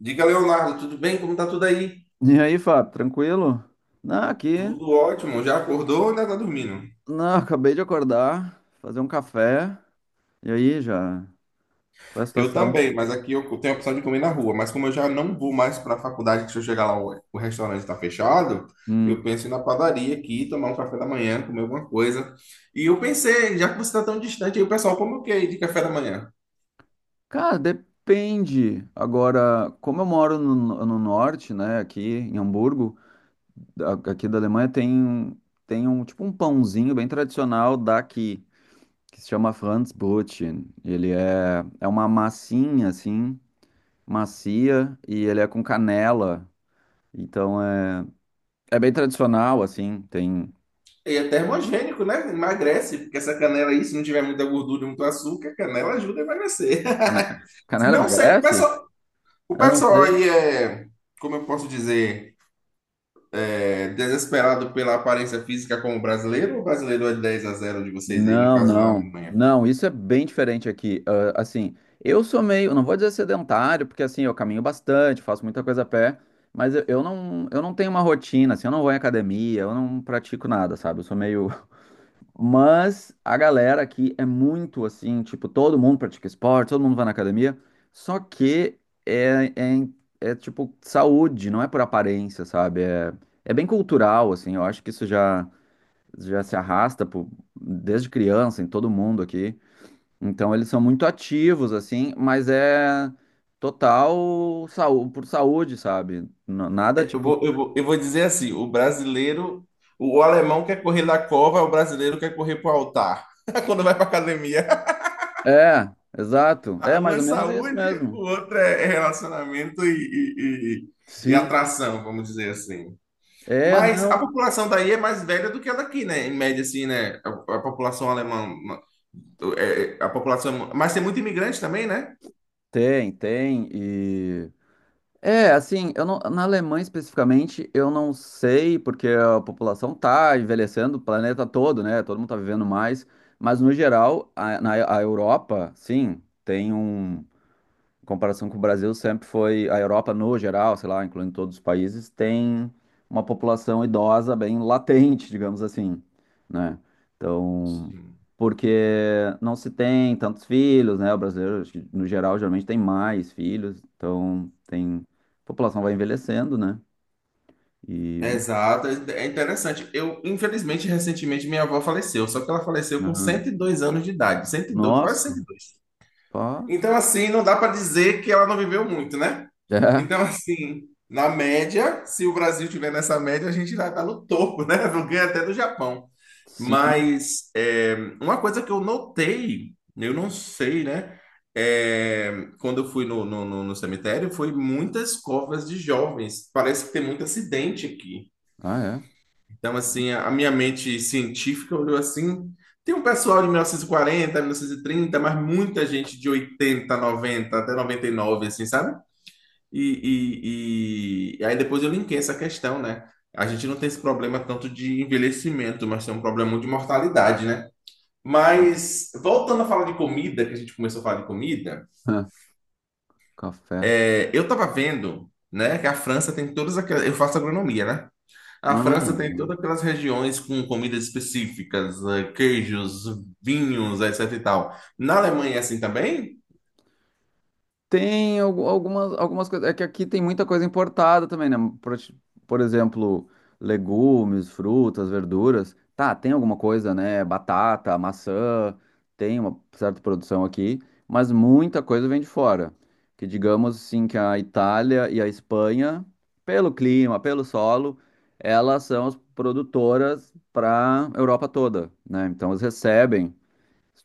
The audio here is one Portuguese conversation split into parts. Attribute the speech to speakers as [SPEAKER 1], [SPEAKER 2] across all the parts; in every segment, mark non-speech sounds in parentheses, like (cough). [SPEAKER 1] Diga, Leonardo, tudo bem? Como tá tudo aí?
[SPEAKER 2] E aí, Fábio, tranquilo? Não, aqui.
[SPEAKER 1] Tudo ótimo. Já acordou ou ainda tá dormindo?
[SPEAKER 2] Não, (laughs) acabei de acordar, fazer um café. E aí, já? Qual é a
[SPEAKER 1] Eu
[SPEAKER 2] situação?
[SPEAKER 1] também, mas aqui eu tenho a opção de comer na rua. Mas como eu já não vou mais para a faculdade, que se eu chegar lá o restaurante está fechado,
[SPEAKER 2] Hum.
[SPEAKER 1] eu penso em ir na padaria aqui, tomar um café da manhã, comer alguma coisa. E eu pensei, já que você está tão distante, aí o pessoal come o quê de café da manhã?
[SPEAKER 2] Cara, depende. Agora, como eu moro no norte, né, aqui em Hamburgo, aqui da Alemanha, tem um tipo um pãozinho bem tradicional daqui, que se chama Franzbrötchen. Ele é uma massinha, assim, macia, e ele é com canela. Então, é. É bem tradicional, assim, tem.
[SPEAKER 1] E é termogênico, né? Emagrece, porque essa canela aí, se não tiver muita gordura e muito açúcar, a canela ajuda a emagrecer.
[SPEAKER 2] Cane-
[SPEAKER 1] (laughs)
[SPEAKER 2] Canela
[SPEAKER 1] Não sei, o
[SPEAKER 2] emagrece?
[SPEAKER 1] pessoal, o
[SPEAKER 2] Eu não
[SPEAKER 1] pessoal
[SPEAKER 2] sei.
[SPEAKER 1] aí é, como eu posso dizer... É, desesperado pela aparência física como brasileiro, ou o brasileiro é 10 a zero de vocês aí, no
[SPEAKER 2] Não,
[SPEAKER 1] caso na
[SPEAKER 2] não.
[SPEAKER 1] Alemanha?
[SPEAKER 2] Não, isso é bem diferente aqui. Ah, assim, eu sou meio, não vou dizer sedentário, porque assim, eu caminho bastante, faço muita coisa a pé, mas eu não tenho uma rotina, assim, eu não vou em academia, eu não pratico nada, sabe? Eu sou meio. (laughs) Mas a galera aqui é muito assim, tipo, todo mundo pratica esporte, todo mundo vai na academia, só que é, é, é tipo saúde, não é por aparência, sabe? É bem cultural, assim, eu acho que isso já se arrasta desde criança em todo mundo aqui. Então eles são muito ativos, assim, mas é total saúde, por saúde, sabe? Nada
[SPEAKER 1] Eu
[SPEAKER 2] tipo.
[SPEAKER 1] vou, eu vou, eu vou dizer assim: o brasileiro, o alemão quer correr na cova, o brasileiro quer correr pro altar. (laughs) Quando vai pra academia,
[SPEAKER 2] É, exato. É
[SPEAKER 1] um
[SPEAKER 2] mais
[SPEAKER 1] é
[SPEAKER 2] ou menos isso
[SPEAKER 1] saúde, o
[SPEAKER 2] mesmo.
[SPEAKER 1] outro é relacionamento e
[SPEAKER 2] Sim.
[SPEAKER 1] atração, vamos dizer assim.
[SPEAKER 2] É,
[SPEAKER 1] Mas a
[SPEAKER 2] não.
[SPEAKER 1] população daí é mais velha do que a daqui, né? Em média, assim, né? A população alemã, a população. Mas tem muito imigrante também, né?
[SPEAKER 2] Tem, tem. É, assim, eu não, na Alemanha especificamente, eu não sei, porque a população tá envelhecendo, o planeta todo, né? Todo mundo tá vivendo mais, mas no geral, a, na a Europa, sim, tem um em comparação com o Brasil, sempre foi a Europa no geral, sei lá, incluindo todos os países, tem uma população idosa bem latente, (laughs) digamos assim, né? Então, porque não se tem tantos filhos, né? O brasileiro, acho que, no geral, geralmente tem mais filhos, então tem a população vai envelhecendo, né? E
[SPEAKER 1] Exato, é interessante. Eu, infelizmente, recentemente minha avó faleceu, só que ela faleceu com
[SPEAKER 2] ah,
[SPEAKER 1] 102 anos de idade, 102, quase cento e
[SPEAKER 2] nossa,
[SPEAKER 1] dois.
[SPEAKER 2] pá,
[SPEAKER 1] Então, assim, não dá para dizer que ela não viveu muito, né?
[SPEAKER 2] é,
[SPEAKER 1] Então, assim, na média, se o Brasil tiver nessa média, a gente vai estar no topo, né? (laughs) Eu ganho até do Japão.
[SPEAKER 2] sim,
[SPEAKER 1] Mas uma coisa que eu notei, eu não sei, né? É, quando eu fui no cemitério, foi muitas covas de jovens. Parece que tem muito acidente aqui.
[SPEAKER 2] ah é.
[SPEAKER 1] Então, assim, a minha mente científica olhou assim. Tem um pessoal de 1940, 1930, mas muita gente de 80, 90, até 99, assim, sabe? E aí depois eu linkei essa questão, né? A gente não tem esse problema tanto de envelhecimento, mas tem um problema muito de mortalidade, né?
[SPEAKER 2] (laughs)
[SPEAKER 1] Mas, voltando a falar de comida, que a gente começou a falar de comida,
[SPEAKER 2] Ah, café,
[SPEAKER 1] eu tava vendo, né, que a França tem todas aquelas... Eu faço agronomia, né? A França
[SPEAKER 2] ah.
[SPEAKER 1] tem todas aquelas regiões com comidas específicas, queijos, vinhos, etc e tal. Na Alemanha é assim também?
[SPEAKER 2] Tem algumas coisas. É que aqui tem muita coisa importada também, né? Por, por exemplo, legumes, frutas, verduras. Tá, tem alguma coisa, né? Batata, maçã, tem uma certa produção aqui, mas muita coisa vem de fora. Que digamos assim que a Itália e a Espanha, pelo clima, pelo solo, elas são as produtoras para Europa toda, né? Então eles recebem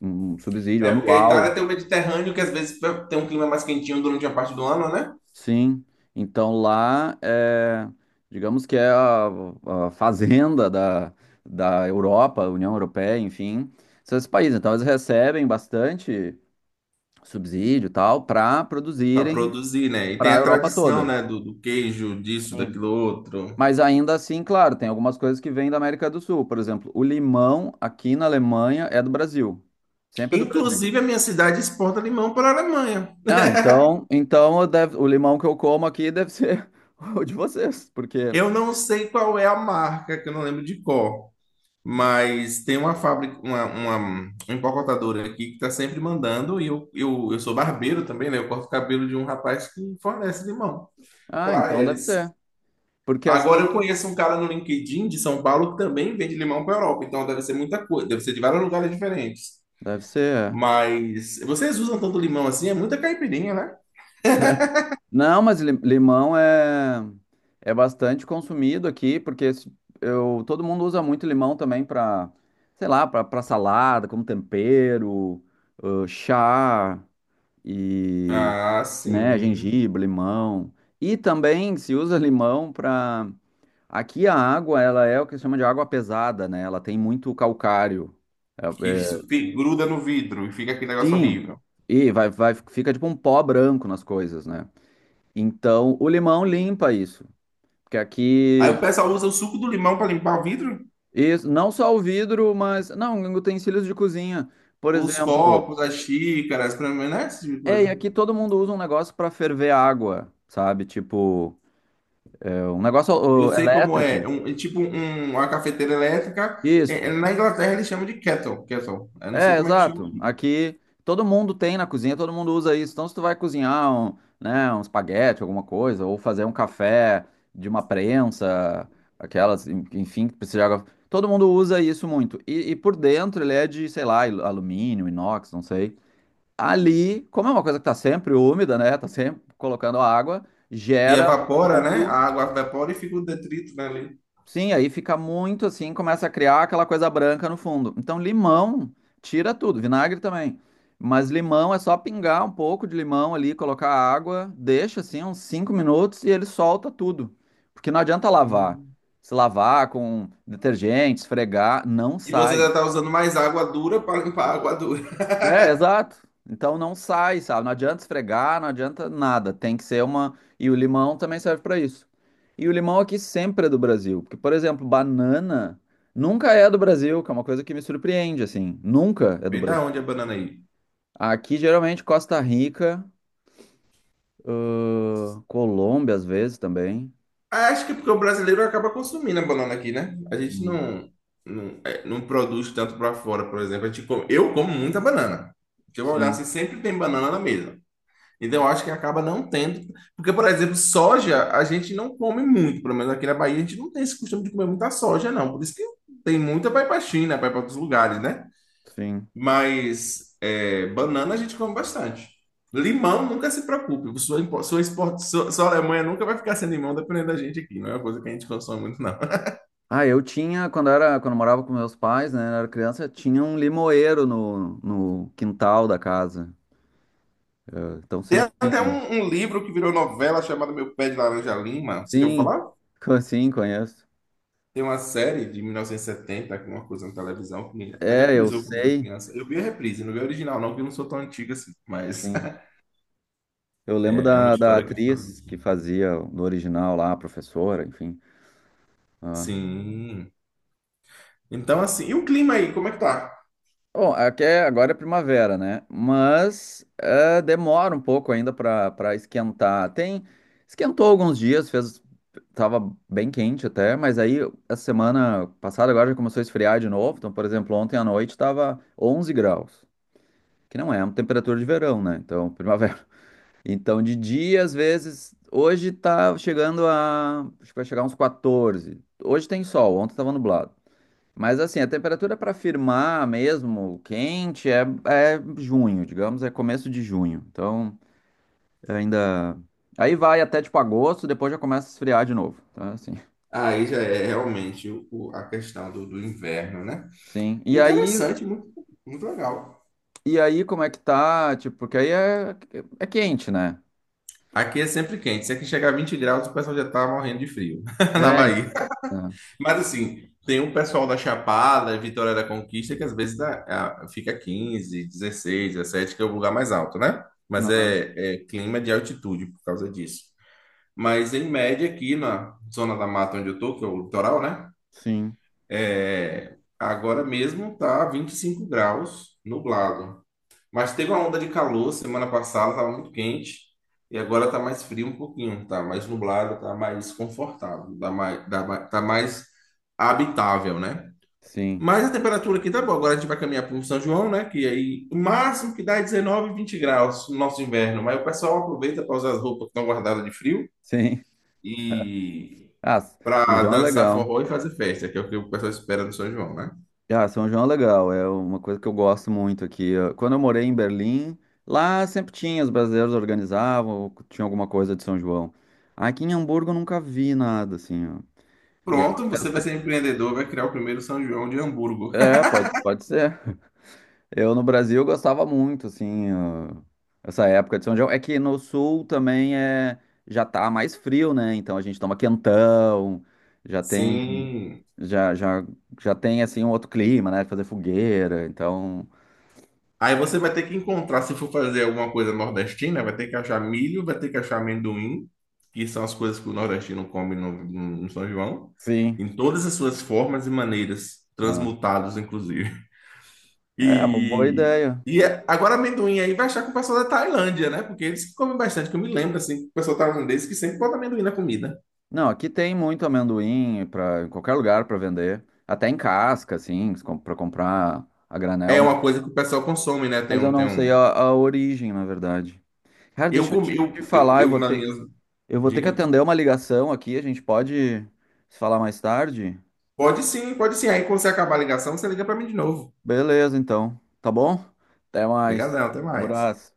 [SPEAKER 2] um subsídio
[SPEAKER 1] É porque a Itália
[SPEAKER 2] anual.
[SPEAKER 1] tem o Mediterrâneo, que às vezes tem um clima mais quentinho durante a parte do ano, né?
[SPEAKER 2] Sim, então lá é, digamos que é a fazenda da Europa, União Europeia, enfim, esses países. Então eles recebem bastante subsídio e tal para
[SPEAKER 1] Para
[SPEAKER 2] produzirem
[SPEAKER 1] produzir, né? E tem
[SPEAKER 2] para a
[SPEAKER 1] a
[SPEAKER 2] Europa
[SPEAKER 1] tradição,
[SPEAKER 2] toda.
[SPEAKER 1] né? Do queijo, disso, daquilo outro.
[SPEAKER 2] Mas ainda assim, claro, tem algumas coisas que vêm da América do Sul. Por exemplo, o limão aqui na Alemanha é do Brasil. Sempre é do Brasil.
[SPEAKER 1] Inclusive, a minha cidade exporta limão para a Alemanha.
[SPEAKER 2] Ah, então o limão que eu como aqui deve ser (laughs) o de vocês, porque.
[SPEAKER 1] Eu não sei qual é a marca, que eu não lembro de cor. Mas tem uma fábrica, uma empacotadora aqui que está sempre mandando, e eu sou barbeiro também, né? Eu corto o cabelo de um rapaz que fornece limão
[SPEAKER 2] Ah,
[SPEAKER 1] para
[SPEAKER 2] então deve
[SPEAKER 1] eles.
[SPEAKER 2] ser. Porque
[SPEAKER 1] Agora eu
[SPEAKER 2] assim,
[SPEAKER 1] conheço um cara no LinkedIn de São Paulo que também vende limão para a Europa, então deve ser muita coisa, deve ser de vários lugares diferentes.
[SPEAKER 2] deve ser. É.
[SPEAKER 1] Mas vocês usam tanto limão assim? É muita caipirinha, né?
[SPEAKER 2] Não, mas limão é bastante consumido aqui, porque se- eu todo mundo usa muito limão também para, sei lá, para salada, como tempero, chá e,
[SPEAKER 1] Ah,
[SPEAKER 2] né,
[SPEAKER 1] sim.
[SPEAKER 2] gengibre, limão. E também se usa limão para aqui a água, ela é o que se chama de água pesada, né? Ela tem muito calcário. É-
[SPEAKER 1] Que
[SPEAKER 2] é-
[SPEAKER 1] isso que gruda no vidro e fica aquele negócio
[SPEAKER 2] Sim.
[SPEAKER 1] horrível.
[SPEAKER 2] E vai, fica tipo um pó branco nas coisas, né? Então, o limão limpa isso. Porque
[SPEAKER 1] Aí
[SPEAKER 2] aqui,
[SPEAKER 1] o pessoal usa o suco do limão para limpar o vidro?
[SPEAKER 2] isso, não só o vidro, mas não, utensílios de cozinha. Por
[SPEAKER 1] Os
[SPEAKER 2] exemplo,
[SPEAKER 1] copos, as xícaras, pra mim, não é esse tipo de
[SPEAKER 2] e
[SPEAKER 1] coisa.
[SPEAKER 2] aqui todo mundo usa um negócio para ferver água, sabe? Tipo, é um negócio
[SPEAKER 1] Eu
[SPEAKER 2] ó,
[SPEAKER 1] sei como é.
[SPEAKER 2] elétrico.
[SPEAKER 1] Uma cafeteira elétrica.
[SPEAKER 2] Isso.
[SPEAKER 1] Na Inglaterra eles chamam de kettle, kettle. Eu não sei
[SPEAKER 2] É,
[SPEAKER 1] como é que chama.
[SPEAKER 2] exato. Aqui todo mundo tem na cozinha, todo mundo usa isso. Então, se tu vai cozinhar um, né, um espaguete, alguma coisa, ou fazer um café de uma prensa, aquelas, enfim, que precisa de água. Todo mundo usa isso muito. E, por dentro ele é de, sei lá, alumínio, inox, não sei. Ali, como é uma coisa que tá sempre úmida, né? Tá sempre colocando água,
[SPEAKER 1] E
[SPEAKER 2] gera no
[SPEAKER 1] evapora, né? A
[SPEAKER 2] fundo.
[SPEAKER 1] água evapora e fica o detrito, né, ali.
[SPEAKER 2] Sim, aí fica muito assim, começa a criar aquela coisa branca no fundo. Então, limão, tira tudo, vinagre também. Mas limão é só pingar um pouco de limão ali, colocar água, deixa assim uns 5 minutos e ele solta tudo. Porque não adianta lavar.
[SPEAKER 1] Hum.
[SPEAKER 2] Se lavar com detergente, esfregar, não
[SPEAKER 1] E você
[SPEAKER 2] sai.
[SPEAKER 1] já tá usando mais água dura para limpar a água dura.
[SPEAKER 2] É, exato. Então não sai, sabe? Não adianta esfregar, não adianta nada. Tem que ser uma. E o limão também serve pra isso. E o limão aqui sempre é do Brasil. Porque, por exemplo, banana nunca é do Brasil, que é uma coisa que me surpreende, assim. Nunca é
[SPEAKER 1] (laughs)
[SPEAKER 2] do
[SPEAKER 1] Vem da
[SPEAKER 2] Brasil.
[SPEAKER 1] onde a banana aí?
[SPEAKER 2] Aqui, geralmente, Costa Rica, Colômbia, às vezes também.
[SPEAKER 1] Ah, acho que é porque o brasileiro acaba consumindo a banana aqui, né? A gente
[SPEAKER 2] Hum.
[SPEAKER 1] não, não, não produz tanto para fora, por exemplo. Eu como muita banana. Se eu olhar
[SPEAKER 2] Sim,
[SPEAKER 1] assim, sempre tem banana na mesa. Então, eu acho que acaba não tendo. Porque, por exemplo, soja a gente não come muito, pelo menos aqui na Bahia, a gente não tem esse costume de comer muita soja, não. Por isso que tem muita vai para China, vai para outros lugares, né?
[SPEAKER 2] sim.
[SPEAKER 1] Mas banana a gente come bastante. Limão, nunca se preocupe. Sua, impo- sua, export, sua, sua Alemanha nunca vai ficar sem limão, dependendo da gente aqui. Não é uma coisa que a gente consome muito, não.
[SPEAKER 2] Ah, eu tinha, quando eu morava com meus pais, né, eu era criança, tinha um limoeiro no quintal da casa. Então
[SPEAKER 1] Tem
[SPEAKER 2] sempre
[SPEAKER 1] até
[SPEAKER 2] tinha.
[SPEAKER 1] um livro que virou novela chamado Meu Pé de Laranja Lima. Você já ouviu
[SPEAKER 2] Sim,
[SPEAKER 1] falar?
[SPEAKER 2] conheço.
[SPEAKER 1] Tem uma série de 1970 que é uma coisa na televisão, que até
[SPEAKER 2] É, eu
[SPEAKER 1] reprisou quando eu era
[SPEAKER 2] sei.
[SPEAKER 1] criança. Eu vi a reprise, não vi a original, não, porque eu não sou tão antigo assim, mas
[SPEAKER 2] Sim.
[SPEAKER 1] (laughs)
[SPEAKER 2] Eu lembro
[SPEAKER 1] é, é uma
[SPEAKER 2] da
[SPEAKER 1] história que fala
[SPEAKER 2] atriz
[SPEAKER 1] disso.
[SPEAKER 2] que fazia no original lá, a professora, enfim. Ah.
[SPEAKER 1] Sim. Então, assim, e o clima aí, como é que tá?
[SPEAKER 2] Bom, aqui agora é primavera, né? Mas é, demora um pouco ainda para esquentar. Tem, esquentou alguns dias, fez, tava bem quente até, mas aí essa semana passada agora já começou a esfriar de novo. Então, por exemplo, ontem à noite tava 11 graus, que não é uma temperatura de verão, né? Então, (laughs) primavera. Então, de dia, às vezes, hoje tá chegando a, acho que vai chegar uns 14. Hoje tem sol, ontem tava nublado. Mas assim, a temperatura para firmar mesmo, quente, é junho, digamos, é começo de junho. Então, ainda aí vai até tipo agosto, depois já começa a esfriar de novo, tá? Assim. (laughs)
[SPEAKER 1] Aí já é realmente a questão do inverno, né?
[SPEAKER 2] Sim. E aí,
[SPEAKER 1] Interessante, muito, muito legal.
[SPEAKER 2] e aí como é que tá? Tipo, porque aí é quente, né?
[SPEAKER 1] Aqui é sempre quente. Se aqui chegar a 20 graus, o pessoal já tá morrendo de frio (laughs) na
[SPEAKER 2] É. É.
[SPEAKER 1] Bahia. Mas assim, tem um pessoal da Chapada, Vitória da Conquista, que às vezes fica 15, 16, 17, que é o lugar mais alto, né? Mas
[SPEAKER 2] Aham.
[SPEAKER 1] é clima de altitude por causa disso. Mas em média, aqui na zona da mata onde eu tô, que é o litoral, né?
[SPEAKER 2] Sim,
[SPEAKER 1] É, agora mesmo tá 25 graus nublado. Mas teve uma onda de calor semana passada, estava muito quente. E agora está mais frio um pouquinho, tá mais nublado, está mais confortável, tá mais habitável, né?
[SPEAKER 2] sim,
[SPEAKER 1] Mas a temperatura aqui tá boa. Agora a gente vai caminhar para o São João, né? Que aí o máximo que dá é 19, 20 graus no nosso inverno. Mas o pessoal aproveita para usar as roupas que estão guardadas de frio
[SPEAKER 2] sim.
[SPEAKER 1] e
[SPEAKER 2] Ah, São
[SPEAKER 1] para
[SPEAKER 2] João é
[SPEAKER 1] dançar
[SPEAKER 2] legal.
[SPEAKER 1] forró e fazer festa, que é o que o pessoal espera do São João, né?
[SPEAKER 2] Ah, São João é legal, é uma coisa que eu gosto muito aqui. Quando eu morei em Berlim, lá sempre tinha, os brasileiros organizavam, tinha alguma coisa de São João. Aqui em Hamburgo eu nunca vi nada, assim, ó. E é. uma
[SPEAKER 1] Pronto, você vai
[SPEAKER 2] festa-
[SPEAKER 1] ser empreendedor, vai criar o primeiro São João de Hamburgo.
[SPEAKER 2] é,
[SPEAKER 1] (laughs)
[SPEAKER 2] pode, pode ser. Eu no Brasil gostava muito, assim, ó, essa época de São João. É que no sul também é, já tá mais frio, né? Então a gente toma quentão, já tem,
[SPEAKER 1] Sim.
[SPEAKER 2] já, já, já tem, assim, um outro clima, né? Fazer fogueira, então,
[SPEAKER 1] Aí você vai ter que encontrar, se for fazer alguma coisa nordestina, vai ter que achar milho, vai ter que achar amendoim, que são as coisas que o nordestino come São João,
[SPEAKER 2] sim.
[SPEAKER 1] em todas as suas formas e maneiras, transmutados, inclusive.
[SPEAKER 2] É, uma boa
[SPEAKER 1] E,
[SPEAKER 2] ideia.
[SPEAKER 1] agora amendoim aí vai achar com o pessoal da Tailândia, né? Porque eles que comem bastante, que eu me lembro, assim, o pessoal tailandês que sempre bota amendoim na comida.
[SPEAKER 2] Não, aqui tem muito amendoim para em qualquer lugar para vender, até em casca, assim, para comprar a
[SPEAKER 1] É
[SPEAKER 2] granel.
[SPEAKER 1] uma coisa que o pessoal consome, né?
[SPEAKER 2] Mas eu
[SPEAKER 1] Tem
[SPEAKER 2] não
[SPEAKER 1] um...
[SPEAKER 2] sei a origem, na verdade. Cara,
[SPEAKER 1] Eu
[SPEAKER 2] deixa eu
[SPEAKER 1] comi,
[SPEAKER 2] te
[SPEAKER 1] eu, eu,
[SPEAKER 2] falar, eu
[SPEAKER 1] eu
[SPEAKER 2] vou
[SPEAKER 1] na minha...
[SPEAKER 2] ter, eu vou ter que
[SPEAKER 1] Diga?
[SPEAKER 2] atender uma ligação aqui. A gente pode se falar mais tarde?
[SPEAKER 1] Pode sim, pode sim. Aí quando você acabar a ligação, você liga para mim de novo.
[SPEAKER 2] Beleza, então. Tá bom? Até mais.
[SPEAKER 1] Obrigadão, até mais.
[SPEAKER 2] Abraço.